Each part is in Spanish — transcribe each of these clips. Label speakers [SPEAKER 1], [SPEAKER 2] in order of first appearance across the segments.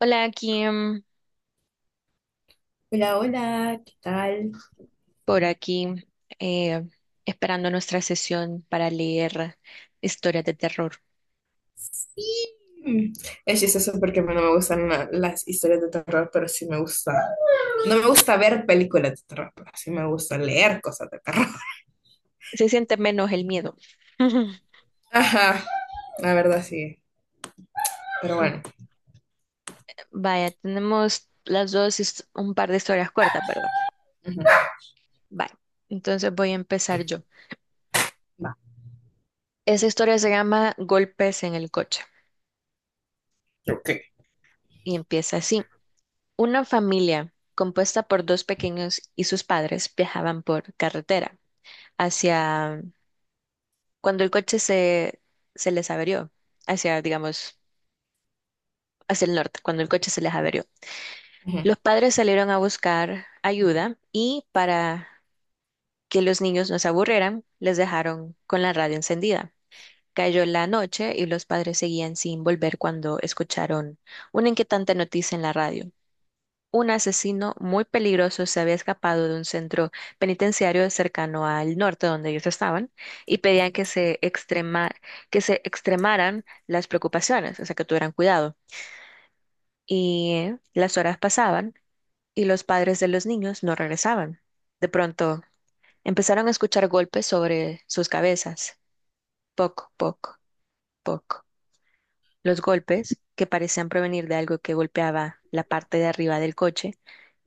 [SPEAKER 1] Hola, Kim,
[SPEAKER 2] Hola, hola, ¿qué tal?
[SPEAKER 1] por aquí, eh, esperando nuestra sesión para leer historias de terror.
[SPEAKER 2] Sí. Mm. Es chistoso porque a mí no me gustan las historias de terror, pero sí me gusta. No me gusta ver películas de terror, pero sí me gusta leer cosas de terror.
[SPEAKER 1] Se siente menos el miedo.
[SPEAKER 2] Ajá, la verdad sí. Pero bueno.
[SPEAKER 1] Vaya, tenemos las dos his- un par de historias cortas, ¿verdad?
[SPEAKER 2] Ujú.
[SPEAKER 1] Vaya, entonces voy a empezar yo. Esa historia se llama Golpes en el coche
[SPEAKER 2] Ok.
[SPEAKER 1] y empieza así. Una familia compuesta por dos pequeños y sus padres viajaban por carretera hacia cuando se les averió, hacia, digamos, hacia el norte, cuando el coche se les averió.
[SPEAKER 2] Ujú.
[SPEAKER 1] Los padres salieron a buscar ayuda y para que los niños no se aburrieran, les dejaron con la radio encendida. Cayó la noche y los padres seguían sin volver cuando escucharon una inquietante noticia en la radio. Un asesino muy peligroso se había escapado de un centro penitenciario cercano al norte donde ellos estaban y pedían que se extremaran las preocupaciones, o sea, que tuvieran cuidado. Y las horas pasaban y los padres de los niños no regresaban. De pronto empezaron a escuchar golpes sobre sus cabezas. Poc, poc, poc. Los golpes, que parecían provenir de algo que golpeaba la parte de arriba del coche,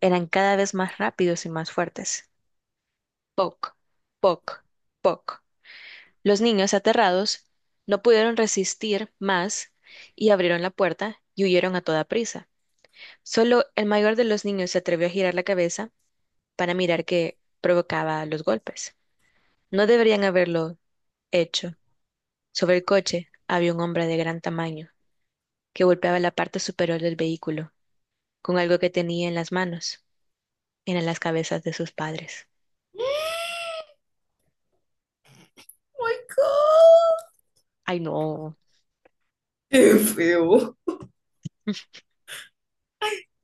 [SPEAKER 1] eran cada vez más rápidos y más fuertes. Poc, poc, poc. Los niños, aterrados, no pudieron resistir más y abrieron la puerta y huyeron a toda prisa. Solo el mayor de los niños se atrevió a girar la cabeza para mirar qué provocaba los golpes. No deberían haberlo hecho. Sobre el coche había un hombre de gran tamaño que golpeaba la parte superior del vehículo con algo que tenía en las manos. Eran las cabezas de sus padres.
[SPEAKER 2] Oh my God.
[SPEAKER 1] Ay, no.
[SPEAKER 2] Qué feo.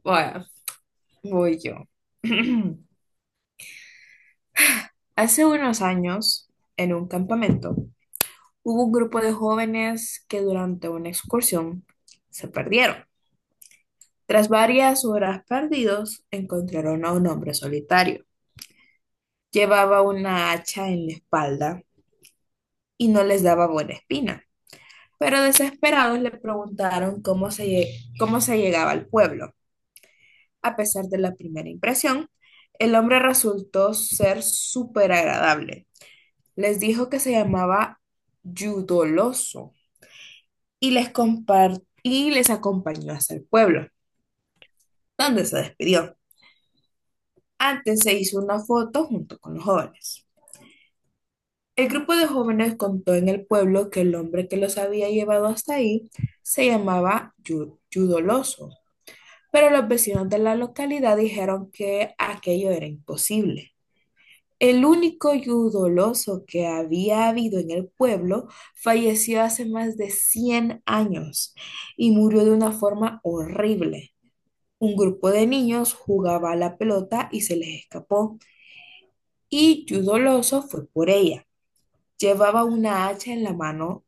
[SPEAKER 2] Bueno, voy yo. Hace unos años, en un campamento, hubo un grupo de jóvenes que durante una excursión se perdieron. Tras varias horas perdidos, encontraron a un hombre solitario. Llevaba una hacha en la espalda y no les daba buena espina, pero desesperados le preguntaron cómo se llegaba al pueblo. A pesar de la primera impresión, el hombre resultó ser súper agradable. Les dijo que se llamaba Yudoloso y y les acompañó hasta el pueblo, donde se despidió. Antes se hizo una foto junto con los jóvenes. El grupo de jóvenes contó en el pueblo que el hombre que los había llevado hasta ahí se llamaba Yudoloso, pero los vecinos de la localidad dijeron que aquello era imposible. El único Yudoloso que había habido en el pueblo falleció hace más de 100 años y murió de una forma horrible. Un grupo de niños jugaba a la pelota y se les escapó, y Yudoloso fue por ella. Llevaba una hacha en la mano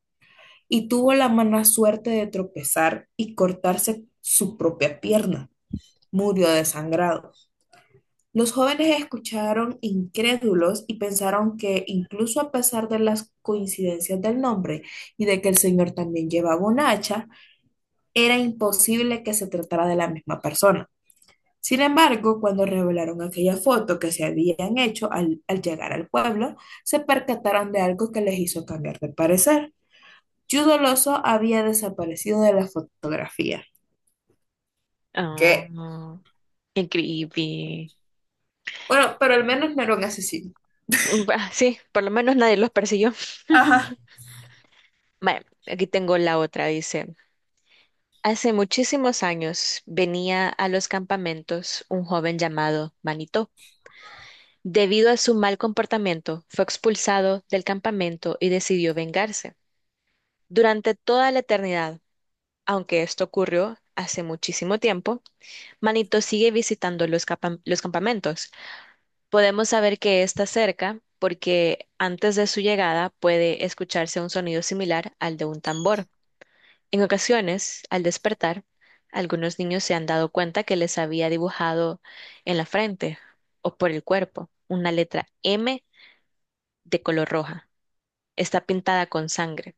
[SPEAKER 2] y tuvo la mala suerte de tropezar y cortarse su propia pierna. Murió desangrado. Los jóvenes escucharon incrédulos y pensaron que incluso a pesar de las coincidencias del nombre y de que el señor también llevaba un hacha, era imposible que se tratara de la misma persona. Sin embargo, cuando revelaron aquella foto que se habían hecho al llegar al pueblo, se percataron de algo que les hizo cambiar de parecer. Judo Loso había desaparecido de la fotografía.
[SPEAKER 1] Ah,
[SPEAKER 2] ¿Qué?
[SPEAKER 1] no. Qué creepy.
[SPEAKER 2] Bueno, pero al menos no era un asesino.
[SPEAKER 1] Sí, por lo menos nadie los persiguió.
[SPEAKER 2] Ajá.
[SPEAKER 1] Bueno, aquí tengo la otra, dice. Hace muchísimos años venía a los campamentos un joven llamado Manito. Debido a su mal comportamiento, fue expulsado del campamento y decidió vengarse. Durante toda la eternidad, aunque esto ocurrió hace muchísimo tiempo, Manito sigue visitando los campamentos. Podemos saber que está cerca porque antes de su llegada puede escucharse un sonido similar al de un tambor. En ocasiones, al despertar, algunos niños se han dado cuenta que les había dibujado en la frente o por el cuerpo una letra M de color roja. Está pintada con sangre,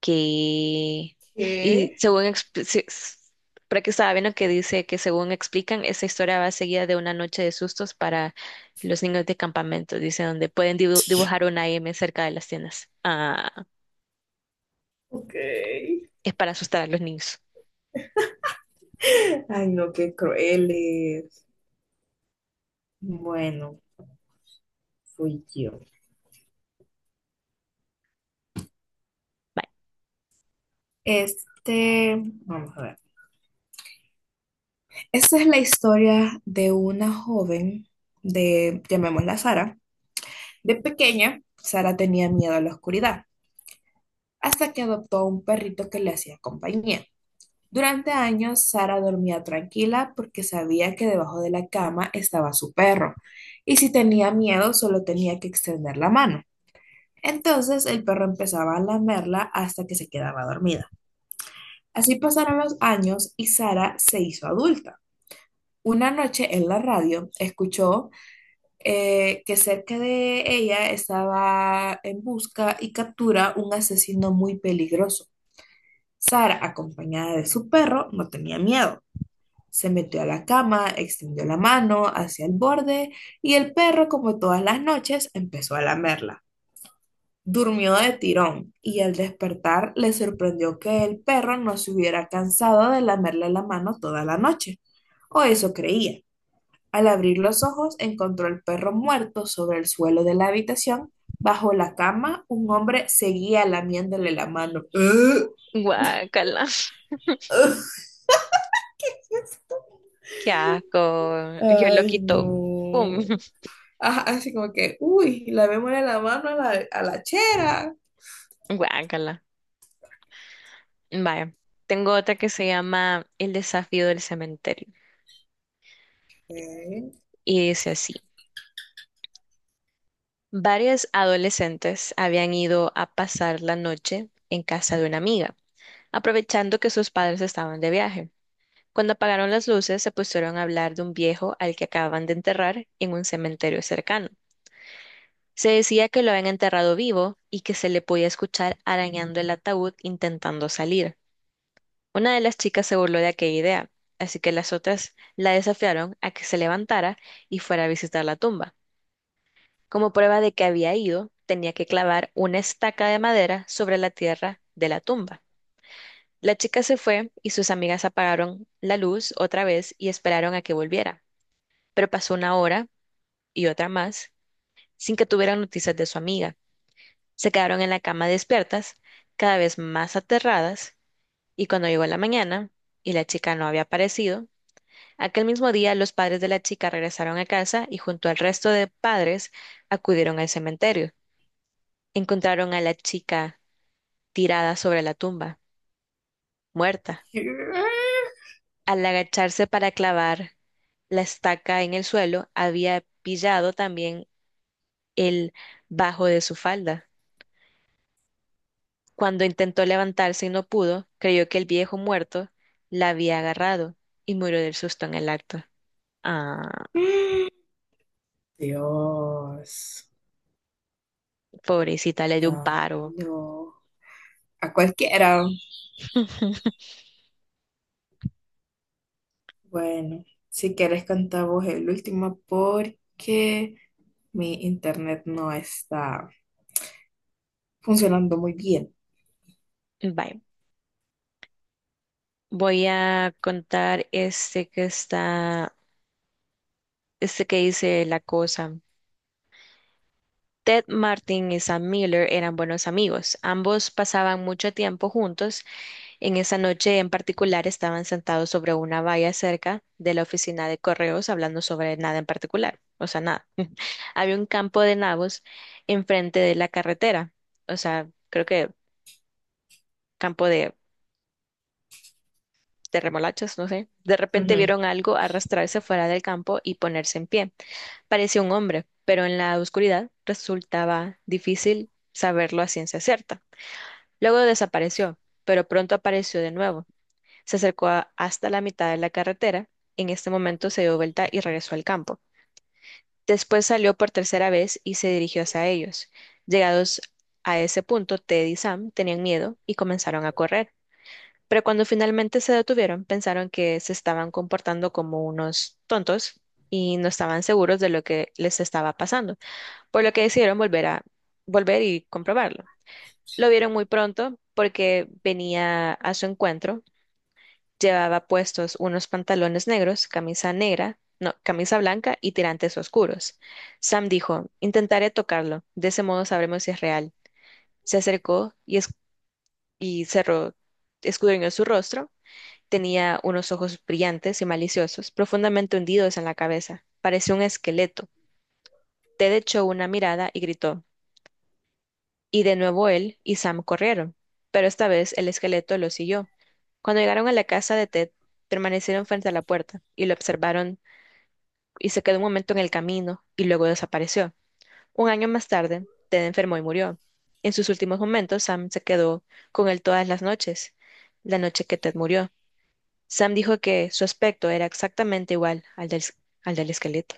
[SPEAKER 1] que... Y
[SPEAKER 2] ¿Qué?
[SPEAKER 1] según... expli- se- s- por aquí estaba viendo que dice que según explican, esa historia va seguida de una noche de sustos para los niños de campamento, dice, donde pueden dibujar una M cerca de las tiendas. Ah,
[SPEAKER 2] Ok.
[SPEAKER 1] es para asustar a los niños.
[SPEAKER 2] Ay, no, qué crueles. Bueno, fui yo. Este, vamos a ver. Esta es la historia de una joven de, llamémosla Sara. De pequeña, Sara tenía miedo a la oscuridad, hasta que adoptó a un perrito que le hacía compañía. Durante años, Sara dormía tranquila porque sabía que debajo de la cama estaba su perro, y si tenía miedo solo tenía que extender la mano. Entonces el perro empezaba a lamerla hasta que se quedaba dormida. Así pasaron los años y Sara se hizo adulta. Una noche en la radio escuchó, que cerca de ella estaba en busca y captura un asesino muy peligroso. Sara, acompañada de su perro, no tenía miedo. Se metió a la cama, extendió la mano hacia el borde y el perro, como todas las noches, empezó a lamerla. Durmió de tirón y al despertar le sorprendió que el perro no se hubiera cansado de lamerle la mano toda la noche. O eso creía. Al abrir los ojos encontró al perro muerto sobre el suelo de la habitación. Bajo la cama, un hombre seguía lamiéndole la mano. ¡Ugh!
[SPEAKER 1] Bye. Guácala.
[SPEAKER 2] ¡Ugh!
[SPEAKER 1] Qué asco. Yo lo
[SPEAKER 2] Ay,
[SPEAKER 1] quito. Pum.
[SPEAKER 2] no. Ajá, así como que, uy, la memoria de la mano a la chera.
[SPEAKER 1] Guácala. Vaya. Tengo otra que se llama El desafío del cementerio.
[SPEAKER 2] ¿Qué?
[SPEAKER 1] Y dice así. Varias adolescentes habían ido a pasar la noche en casa de una amiga, aprovechando que sus padres estaban de viaje. Cuando apagaron las luces, se pusieron a hablar de un viejo al que acababan de enterrar en un cementerio cercano. Se decía que lo habían enterrado vivo y que se le podía escuchar arañando el ataúd intentando salir. Una de las chicas se burló de aquella idea, así que las otras la desafiaron a que se levantara y fuera a visitar la tumba. Como prueba de que había ido, tenía que clavar una estaca de madera sobre la tierra de la tumba. La chica se fue y sus amigas apagaron la luz otra vez y esperaron a que volviera. Pero pasó una hora y otra más sin que tuvieran noticias de su amiga. Se quedaron en la cama despiertas, cada vez más aterradas, y cuando llegó la mañana y la chica no había aparecido, aquel mismo día los padres de la chica regresaron a casa y junto al resto de padres acudieron al cementerio. Encontraron a la chica tirada sobre la tumba, muerta. Al agacharse para clavar la estaca en el suelo, había pillado también el bajo de su falda. Cuando intentó levantarse y no pudo, creyó que el viejo muerto la había agarrado y murió del susto en el acto. Ah,
[SPEAKER 2] Dios.
[SPEAKER 1] pobrecita, le dio un
[SPEAKER 2] Ay,
[SPEAKER 1] paro.
[SPEAKER 2] no. A cualquiera. Bueno, si quieres cantar vos el último porque mi internet no está funcionando muy bien.
[SPEAKER 1] Bye. Voy a contar este que dice la cosa. Ted Martin y Sam Miller eran buenos amigos. Ambos pasaban mucho tiempo juntos. En esa noche en particular estaban sentados sobre una valla cerca de la oficina de correos hablando sobre nada en particular. O sea, nada. Había un campo de nabos enfrente de la carretera. O sea, creo que campo de, de remolachas, no sé. De repente
[SPEAKER 2] Ujú.
[SPEAKER 1] vieron algo arrastrarse fuera del campo y ponerse en pie. Parecía un hombre, pero en la oscuridad resultaba difícil saberlo a ciencia cierta. Luego desapareció, pero pronto apareció de nuevo. Hasta la mitad de la carretera. En este momento se dio vuelta y regresó al campo. Después salió por tercera vez y se dirigió hacia ellos. Llegados a ese punto, Ted y Sam tenían miedo y comenzaron a correr. Pero cuando finalmente se detuvieron, pensaron que se estaban comportando como unos tontos y no estaban seguros de lo que les estaba pasando, por lo que decidieron volver y comprobarlo. Lo vieron muy pronto porque venía a su encuentro. Llevaba puestos unos pantalones negros, camisa negra, no, camisa blanca y tirantes oscuros. Sam dijo, intentaré tocarlo, de ese modo sabremos si es real. Se acercó y cerró, escudriñó su rostro. Tenía unos ojos brillantes y maliciosos, profundamente hundidos en la cabeza. Parecía un esqueleto. Ted echó una mirada y gritó, y de nuevo él y Sam corrieron, pero esta vez el esqueleto lo siguió. Cuando llegaron a la casa de Ted, permanecieron frente a la puerta y lo observaron y se quedó un momento en el camino y luego desapareció. Un año más tarde, Ted enfermó y murió. En sus últimos momentos, Sam se quedó con él todas las noches, la noche que Ted murió. Sam dijo que su aspecto era exactamente igual al del esqueleto.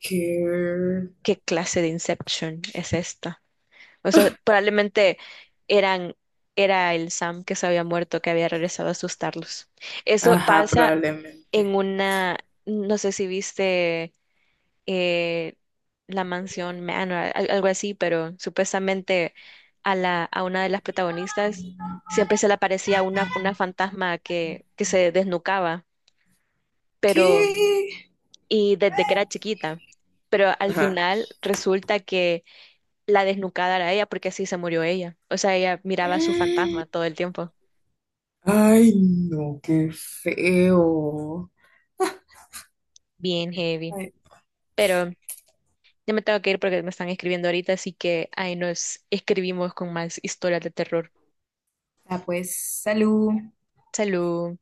[SPEAKER 2] ¿Qué?
[SPEAKER 1] ¿Qué clase de Inception es esta? O sea, probablemente eran, era el Sam que se había muerto, que había regresado a asustarlos. Eso
[SPEAKER 2] Ajá,
[SPEAKER 1] pasa
[SPEAKER 2] probablemente.
[SPEAKER 1] en una, no sé si viste eh, la mansión Manor, algo así, pero supuestamente a una de las protagonistas siempre se le aparecía una fantasma que se desnucaba, pero,
[SPEAKER 2] ¿Qué?
[SPEAKER 1] y desde que era chiquita. Pero al
[SPEAKER 2] Ajá.
[SPEAKER 1] final resulta que la desnucada era ella porque así se murió ella. O sea, ella miraba a su fantasma todo el tiempo.
[SPEAKER 2] Ay, no, qué feo.
[SPEAKER 1] Bien heavy.
[SPEAKER 2] Ay,
[SPEAKER 1] Pero ya me tengo que ir porque me están escribiendo ahorita, así que ahí nos escribimos con más historias de terror.
[SPEAKER 2] ah, pues, salud.
[SPEAKER 1] Salud.